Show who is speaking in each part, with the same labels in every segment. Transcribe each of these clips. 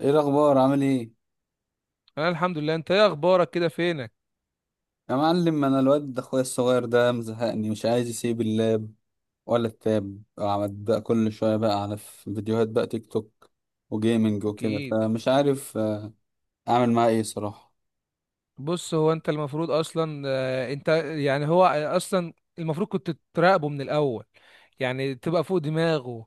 Speaker 1: ايه الاخبار؟ عامل ايه؟
Speaker 2: انا الحمد لله. انت ايه اخبارك؟ كده فينك؟
Speaker 1: يا معلم، انا الواد ده اخويا الصغير ده مزهقني، مش عايز يسيب اللاب ولا التاب. قعد بقى كل شويه بقى على فيديوهات بقى تيك توك وجيمنج وكده،
Speaker 2: اكيد.
Speaker 1: فمش عارف اعمل معاه ايه صراحه؟
Speaker 2: بص، هو انت المفروض اصلا انت يعني هو اصلا المفروض كنت تراقبه من الاول، يعني تبقى فوق دماغه.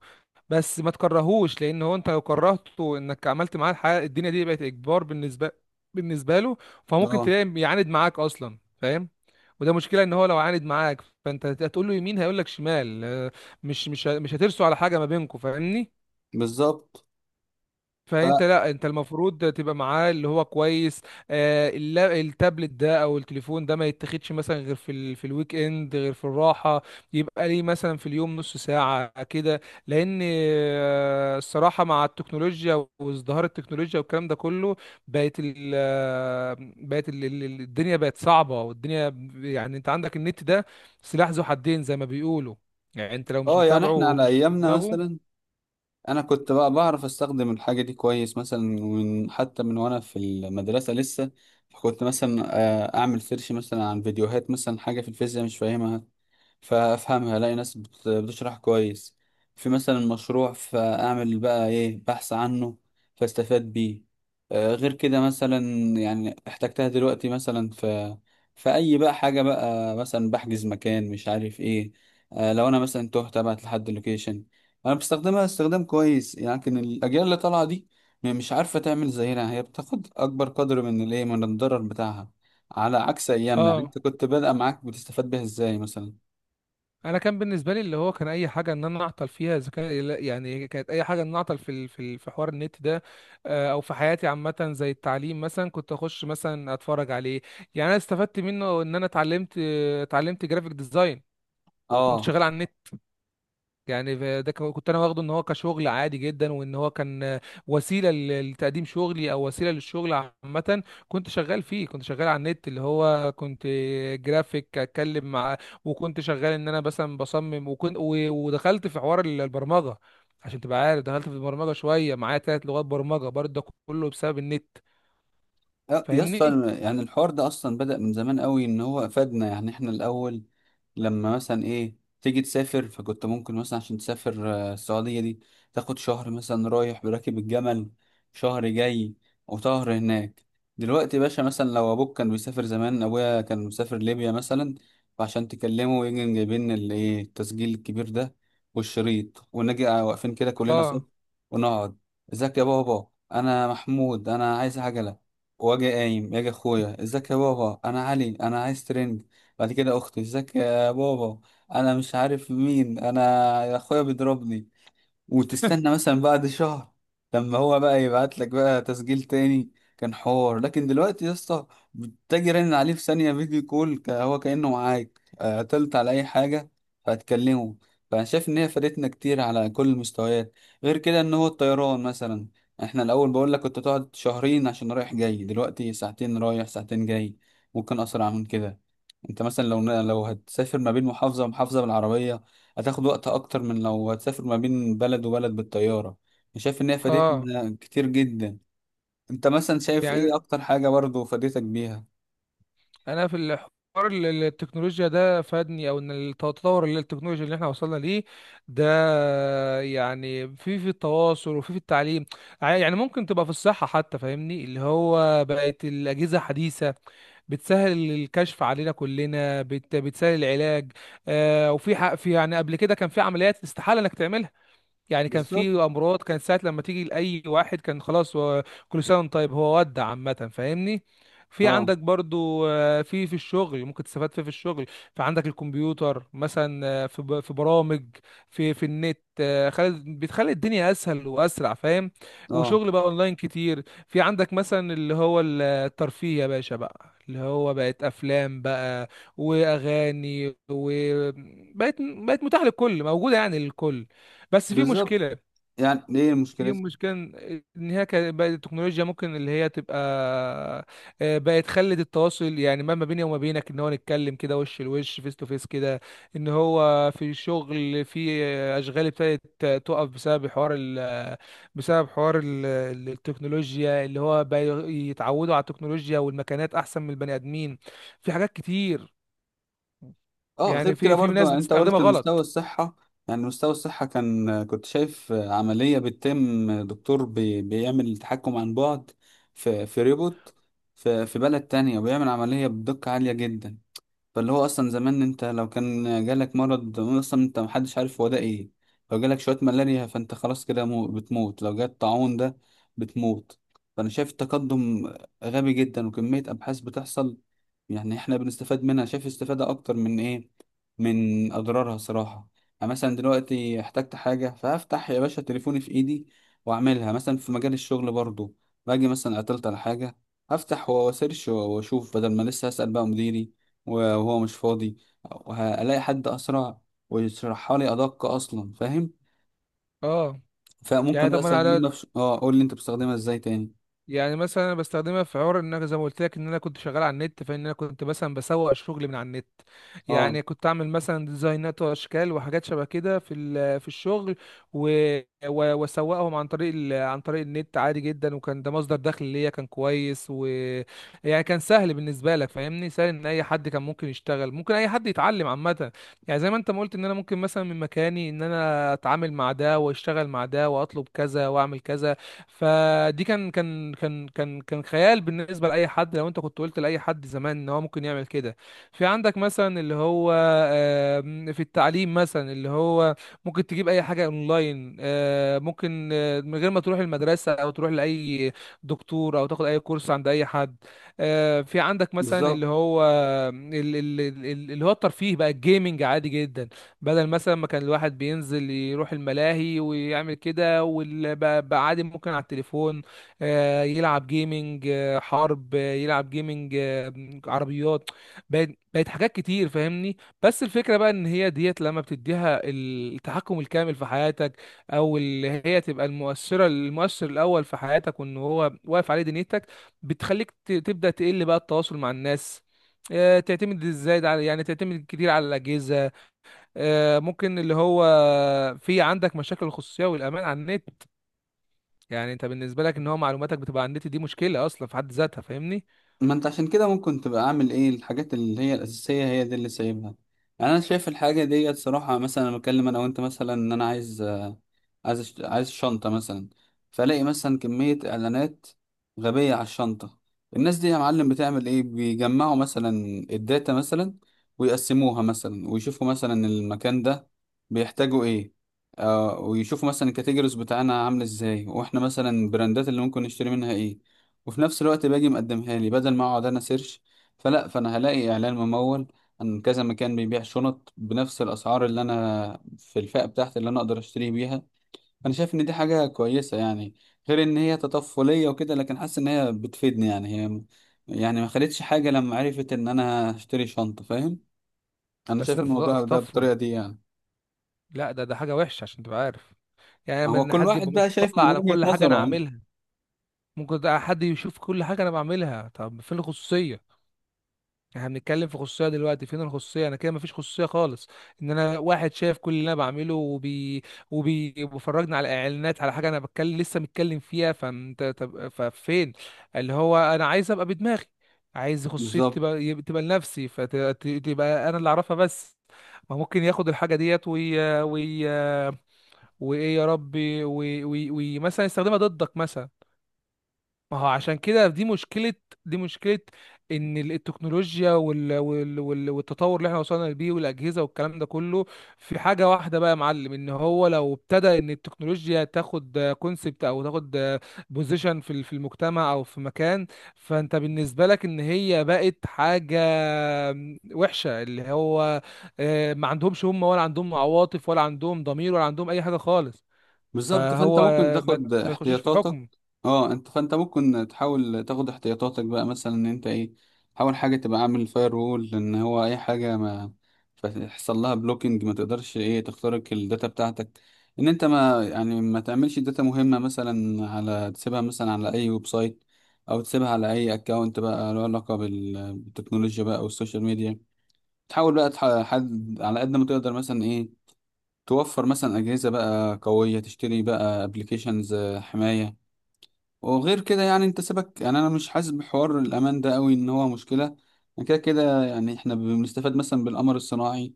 Speaker 2: بس ما تكرهوش، لان هو انت لو كرهته انك عملت معاه الحاجه الدنيا دي بقت اجبار بالنسبه له. فممكن
Speaker 1: اه،
Speaker 2: تلاقي يعاند معاك اصلا، فاهم؟ وده مشكله ان هو لو عاند معاك فانت هتقول له يمين هيقول لك شمال. مش هترسوا على حاجه ما بينكم، فاهمني؟
Speaker 1: بالظبط. ف
Speaker 2: فانت، لا انت المفروض تبقى معاه اللي هو كويس. التابلت ده او التليفون ده ما يتاخدش مثلا غير في الويك اند، غير في الراحه. يبقى ليه مثلا في اليوم نص ساعه كده. لان الصراحه، مع التكنولوجيا وازدهار التكنولوجيا والكلام ده كله، بقت ال... آه، بقت ال... ال- ال- الدنيا بقت صعبه، والدنيا يعني انت عندك النت ده سلاح ذو حدين زي ما بيقولوا. يعني انت لو مش
Speaker 1: اه يعني
Speaker 2: متابعه
Speaker 1: احنا على
Speaker 2: ومش في
Speaker 1: ايامنا
Speaker 2: دماغه.
Speaker 1: مثلا، انا كنت بقى بعرف استخدم الحاجه دي كويس، مثلا حتى من وانا في المدرسه لسه. كنت مثلا اعمل سيرش مثلا عن فيديوهات، مثلا حاجه في الفيزياء مش فاهمها فافهمها، الاقي ناس بتشرح كويس. في مثلا مشروع فاعمل بقى ايه بحث عنه فاستفاد بيه. غير كده مثلا، يعني احتجتها دلوقتي مثلا في اي بقى حاجه بقى، مثلا بحجز مكان مش عارف ايه. لو انا مثلا تهت ابعت لحد لوكيشن. انا بستخدمها استخدام كويس، لكن الاجيال اللي طالعه دي مش عارفه تعمل زينا، هي بتاخد اكبر قدر من الايه، من الضرر بتاعها. على عكس ايامنا،
Speaker 2: اه.
Speaker 1: انت كنت بادئه معاك بتستفاد بيها ازاي مثلا؟
Speaker 2: انا كان بالنسبه لي اللي هو كان اي حاجه ان انا اعطل فيها اذا كان، يعني كانت اي حاجه ان أنا اعطل في في حوار النت ده. او في حياتي عامه، زي التعليم مثلا، كنت اخش مثلا اتفرج عليه. يعني انا استفدت منه ان انا اتعلمت، جرافيك ديزاين. وكنت
Speaker 1: اه.
Speaker 2: شغال على النت. يعني كنت انا واخده ان هو كشغل عادي جدا، وان هو كان وسيله لتقديم شغلي، او وسيله للشغل عامه. كنت شغال فيه، كنت شغال على النت اللي هو كنت جرافيك، اتكلم مع، وكنت شغال ان انا مثلا بصمم، ودخلت في حوار البرمجه. عشان تبقى عارف، دخلت في البرمجه شويه، معايا ثلاث لغات برمجه برضه، ده كله بسبب النت،
Speaker 1: يا
Speaker 2: فاهمني؟
Speaker 1: اسطى، يعني الحوار ده اصلا بدأ من زمان قوي، ان هو افادنا. يعني احنا الاول لما مثلا ايه تيجي تسافر، فكنت ممكن مثلا عشان تسافر السعودية دي، تاخد شهر مثلا رايح براكب الجمل، شهر جاي وشهر هناك. دلوقتي يا باشا، مثلا لو ابوك كان بيسافر، زمان ابويا كان مسافر ليبيا مثلا، فعشان تكلمه يجي جايبين الايه، التسجيل الكبير ده والشريط، ونجي واقفين كده كلنا صف
Speaker 2: اه.
Speaker 1: ونقعد. ازيك يا بابا، انا محمود، انا عايز عجلة. واجي قايم يجي اخويا: ازيك يا بابا، انا علي، انا عايز ترنج. بعد كده اخته: ازيك يا بابا، انا مش عارف مين، انا اخويا بيضربني. وتستنى مثلا بعد شهر لما هو بقى يبعت لك بقى تسجيل تاني. كان حوار، لكن دلوقتي يا اسطى بتجي رن عليه في ثانية فيديو كول، هو كأنه معاك. قتلت على أي حاجة فهتكلمه. فأنا شايف إن هي فادتنا كتير على كل المستويات. غير كده، إن هو الطيران مثلا، إحنا الأول بقول لك كنت تقعد شهرين عشان رايح جاي، دلوقتي ساعتين رايح ساعتين جاي، ممكن أسرع من كده. أنت مثلا لو هتسافر ما بين محافظة ومحافظة بالعربية، هتاخد وقت اكتر من لو هتسافر ما بين بلد وبلد بالطيارة. أنا شايف ان هي
Speaker 2: اه
Speaker 1: فادتنا كتير جدا. انت مثلا شايف ايه
Speaker 2: يعني
Speaker 1: اكتر حاجة برضو فادتك بيها؟
Speaker 2: انا في الحوار التكنولوجيا ده فادني، او ان التطور اللي التكنولوجيا اللي احنا وصلنا ليه ده، يعني في التواصل، وفي التعليم. يعني ممكن تبقى في الصحة حتى، فاهمني؟ اللي هو بقت الأجهزة حديثة بتسهل الكشف علينا كلنا، بتسهل العلاج. آه، وفي حق في، يعني قبل كده كان في عمليات استحالة انك تعملها. يعني كان
Speaker 1: بالظبط.
Speaker 2: في امراض، كان ساعه لما تيجي لاي واحد كان خلاص، هو كل سنه وانت طيب، هو ودع عامه، فاهمني؟ في
Speaker 1: اه.
Speaker 2: عندك برضو في الشغل، ممكن تستفاد فيه في الشغل. فعندك الكمبيوتر مثلا، في في برامج، في النت، بتخلي الدنيا اسهل واسرع، فاهم؟
Speaker 1: اه،
Speaker 2: وشغل بقى اونلاين كتير. في عندك مثلا اللي هو الترفيه يا باشا، بقى اللي هو بقت افلام بقى واغاني، بقت متاحه للكل، موجوده يعني للكل. بس في
Speaker 1: بالظبط.
Speaker 2: مشكلة.
Speaker 1: يعني ايه
Speaker 2: في
Speaker 1: مشكلتها؟
Speaker 2: مشكلة إن هي كانت بقت التكنولوجيا، ممكن اللي هي تبقى بقت خلت التواصل، يعني ما بيني وما بينك إن هو نتكلم كده وش لوش فيس تو فيس كده. إن هو في شغل، في آه، أشغال ابتدت تقف بسبب حوار بسبب حوار التكنولوجيا، اللي هو بقى يتعودوا على التكنولوجيا، والمكانات أحسن من البني آدمين. في حاجات كتير،
Speaker 1: اه، غير
Speaker 2: يعني
Speaker 1: كده
Speaker 2: في
Speaker 1: برضو.
Speaker 2: ناس
Speaker 1: يعني انت
Speaker 2: بتستخدمها
Speaker 1: قلت مستوى
Speaker 2: غلط.
Speaker 1: الصحة، يعني مستوى الصحة، كنت شايف عملية بتتم، دكتور بيعمل تحكم عن بعد في ريبوت، في بلد تانية، وبيعمل عملية بدقة عالية جدا. فاللي هو اصلا زمان انت لو كان جالك مرض اصلا، انت محدش عارف هو ده ايه. لو جالك شويه ملاريا فانت خلاص كده بتموت، لو جالك طاعون ده بتموت. فانا شايف التقدم غبي جدا، وكميه ابحاث بتحصل يعني احنا بنستفاد منها. شايف استفاده اكتر من ايه، من اضرارها صراحه. يعني مثلا دلوقتي احتجت حاجه، فهفتح يا باشا تليفوني في ايدي واعملها. مثلا في مجال الشغل برضو، باجي مثلا عطلت على حاجه، هفتح واسيرش واشوف، بدل ما لسه اسال بقى مديري وهو مش فاضي، وهلاقي حد اسرع ويشرحها لي ادق اصلا، فاهم؟
Speaker 2: اه. يعني
Speaker 1: فممكن بقى
Speaker 2: طب ما انا،
Speaker 1: استخدمها في ش... اه قول لي انت بتستخدمها ازاي تاني؟
Speaker 2: يعني مثلا انا بستخدمها في حوار ان انا، زي ما قلت لك ان انا كنت شغال على النت، فان انا كنت مثلا بسوق شغلي من على النت.
Speaker 1: اه،
Speaker 2: يعني كنت اعمل مثلا ديزاينات واشكال وحاجات شبه كده في في الشغل. و واسوقهم عن طريق عن طريق النت عادي جدا، وكان ده مصدر دخل ليا كان كويس يعني كان سهل بالنسبه لك، فاهمني؟ سهل ان اي حد كان ممكن يشتغل، ممكن اي حد يتعلم عامه. يعني زي ما انت ما قلت، ان انا ممكن مثلا من مكاني ان انا اتعامل مع ده، واشتغل مع ده، واطلب كذا واعمل كذا. فدي كان خيال بالنسبه لاي حد، لو انت كنت قلت لاي حد زمان ان هو ممكن يعمل كده. في عندك مثلا اللي هو في التعليم مثلا، اللي هو ممكن تجيب اي حاجه اونلاين، ممكن من غير ما تروح المدرسه، او تروح لاي دكتور، او تاخد اي كورس عند اي حد. في عندك مثلا
Speaker 1: بالظبط.
Speaker 2: اللي هو ال- ال- اللي هو الترفيه بقى، الجيمنج عادي جدا، بدل مثلا ما كان الواحد بينزل يروح الملاهي ويعمل كده واللي، بقى بقى عادي ممكن على التليفون يلعب جيمنج حرب، يلعب جيمنج عربيات. بقت حاجات كتير، فاهمني؟ بس الفكرة بقى ان هي ديت لما بتديها التحكم الكامل في حياتك، او اللي هي تبقى المؤثرة، المؤثر الاول في حياتك، وان هو واقف عليه دنيتك، بتخليك تبدأ تقل بقى التواصل مع الناس. تعتمد ازاي على، يعني تعتمد كتير على الاجهزه. ممكن اللي هو في عندك مشاكل الخصوصية والأمان على النت. يعني أنت بالنسبة لك إن هو معلوماتك بتبقى على النت، دي مشكلة أصلا في حد ذاتها، فاهمني؟
Speaker 1: ما انت عشان كده ممكن تبقى اعمل ايه الحاجات اللي هي الاساسيه، هي دي اللي سايبها. يعني انا شايف الحاجه دي صراحه، مثلا انا بتكلم انا وانت مثلا ان انا عايز آه، عايز أشت- عايز شنطه مثلا، فلاقي مثلا كميه اعلانات غبيه على الشنطه. الناس دي يا معلم بتعمل ايه؟ بيجمعوا مثلا الداتا مثلا ويقسموها مثلا، ويشوفوا مثلا المكان ده بيحتاجوا ايه، ويشوفوا مثلا الكاتيجوريز بتاعنا عامل ازاي، واحنا مثلا البراندات اللي ممكن نشتري منها ايه. وفي نفس الوقت باجي مقدمها لي، بدل ما اقعد انا سيرش، فانا هلاقي اعلان ممول عن كذا مكان بيبيع شنط بنفس الاسعار اللي انا في الفئة بتاعتي اللي انا اقدر اشتري بيها. فانا شايف ان دي حاجة كويسة يعني، غير ان هي تطفلية وكده، لكن حاسس ان هي بتفيدني، يعني هي يعني ما خلتش حاجة لما عرفت ان انا هشتري شنطة، فاهم؟ انا
Speaker 2: بس
Speaker 1: شايف
Speaker 2: ده
Speaker 1: الموضوع ده
Speaker 2: تطفل.
Speaker 1: بالطريقة دي يعني.
Speaker 2: لا، ده حاجة وحشة عشان تبقى عارف. يعني
Speaker 1: ما
Speaker 2: لما
Speaker 1: هو
Speaker 2: إن
Speaker 1: كل
Speaker 2: حد
Speaker 1: واحد
Speaker 2: يبقى
Speaker 1: بقى شايف
Speaker 2: مطلع
Speaker 1: من
Speaker 2: على
Speaker 1: وجهة
Speaker 2: كل حاجة أنا
Speaker 1: نظره يعني.
Speaker 2: عاملها. ممكن ده حد يشوف كل حاجة أنا بعملها، طب فين الخصوصية؟ احنا بنتكلم في خصوصيه دلوقتي، فين الخصوصيه؟ انا كده مفيش خصوصيه خالص. ان انا واحد شايف كل اللي انا بعمله، وبيفرجني على اعلانات، على حاجه انا بتكلم لسه متكلم فيها. فانت طب ففين اللي هو انا عايز ابقى بدماغي، عايز خصوصيتي
Speaker 1: بالظبط.
Speaker 2: تبقى تبقى لنفسي، فتبقى انا اللي اعرفها بس. ما ممكن ياخد الحاجه ديت وي وي وايه يا ربي وي وي وي مثلا، يستخدمها ضدك مثلا. ما هو عشان كده دي مشكلة. دي مشكلة إن التكنولوجيا والتطور اللي احنا وصلنا بيه والأجهزة والكلام ده كله. في حاجة واحدة بقى يا معلم، إن هو لو ابتدى إن التكنولوجيا تاخد كونسبت، أو تاخد بوزيشن في في المجتمع أو في مكان، فأنت بالنسبة لك إن هي بقت حاجة وحشة، اللي هو ما عندهمش هم، ولا عندهم عواطف، ولا عندهم ضمير، ولا عندهم أي حاجة خالص.
Speaker 1: بالظبط، فانت
Speaker 2: فهو
Speaker 1: ممكن
Speaker 2: ما
Speaker 1: تاخد
Speaker 2: ما يخشوش في
Speaker 1: احتياطاتك.
Speaker 2: حكم.
Speaker 1: اه. فانت ممكن تحاول تاخد احتياطاتك بقى، مثلا ان انت ايه، حاول حاجه تبقى عامل فاير وول، ان هو اي حاجه ما يحصل لها بلوكينج، ما تقدرش ايه تخترق الداتا بتاعتك. ان انت ما يعني ما تعملش داتا مهمه مثلا، على تسيبها مثلا على اي ويب سايت، او تسيبها على اي اكونت بقى له علاقه بالتكنولوجيا بقى، او السوشيال ميديا. تحاول بقى حد على قد ما تقدر، مثلا إيه، توفر مثلا أجهزة بقى قوية، تشتري بقى ابلكيشنز حماية. وغير كده، يعني انت سيبك، يعني انا مش حاسس بحوار الامان ده قوي ان هو مشكلة. أنا كده كده يعني احنا بنستفاد مثلا بالقمر الصناعي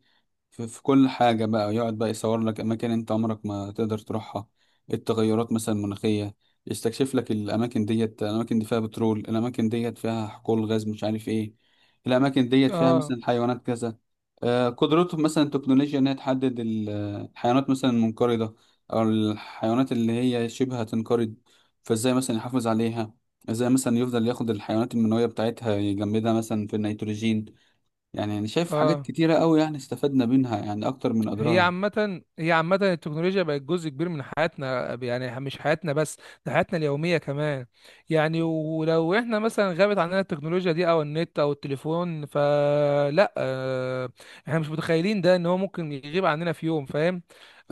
Speaker 1: في كل حاجة بقى، يقعد بقى يصور لك أماكن أنت عمرك ما تقدر تروحها، التغيرات مثلا المناخية، يستكشف لك الأماكن ديت، الأماكن دي فيها بترول، الأماكن ديت فيها حقول غاز مش عارف إيه، الأماكن ديت فيها
Speaker 2: اه.
Speaker 1: مثلا حيوانات كذا. قدرته مثلا التكنولوجيا إنها تحدد الحيوانات مثلا المنقرضة، أو الحيوانات اللي هي شبه هتنقرض. فإزاي مثلا يحافظ عليها؟ إزاي مثلا يفضل ياخد الحيوانات المنوية بتاعتها يجمدها مثلا في النيتروجين؟ يعني انا شايف حاجات
Speaker 2: اه،
Speaker 1: كتيرة قوي يعني استفدنا منها، يعني اكتر من
Speaker 2: هي
Speaker 1: اضرارها.
Speaker 2: عامة، التكنولوجيا بقت جزء كبير من حياتنا، يعني مش حياتنا بس، ده حياتنا اليومية كمان. يعني ولو احنا مثلا غابت عننا التكنولوجيا دي او النت او التليفون، فلا، احنا مش متخيلين ده، ان هو ممكن يغيب عننا في يوم، فاهم؟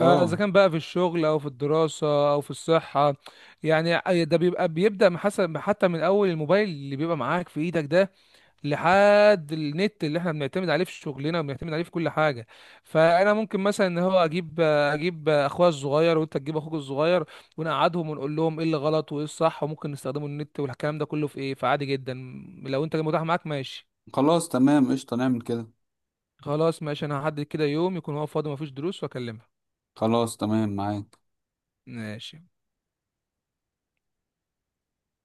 Speaker 2: اذا كان بقى في الشغل او في الدراسة او في الصحة. يعني ده بيبدأ من حسب، حتى من اول الموبايل اللي بيبقى معاك في ايدك ده، لحد النت اللي احنا بنعتمد عليه في شغلنا وبنعتمد عليه في كل حاجه. فانا ممكن مثلا ان هو اجيب اخويا الصغير، وانت تجيب اخوك الصغير، ونقعدهم ونقول لهم ايه اللي غلط وايه الصح، وممكن نستخدموا النت والكلام ده كله في ايه. فعادي جدا، لو انت متاح معاك ماشي.
Speaker 1: خلاص تمام، قشطة نعمل كده.
Speaker 2: خلاص ماشي، انا هحدد كده يوم يكون هو فاضي مفيش دروس واكلمها.
Speaker 1: خلاص تمام معاك.
Speaker 2: ماشي.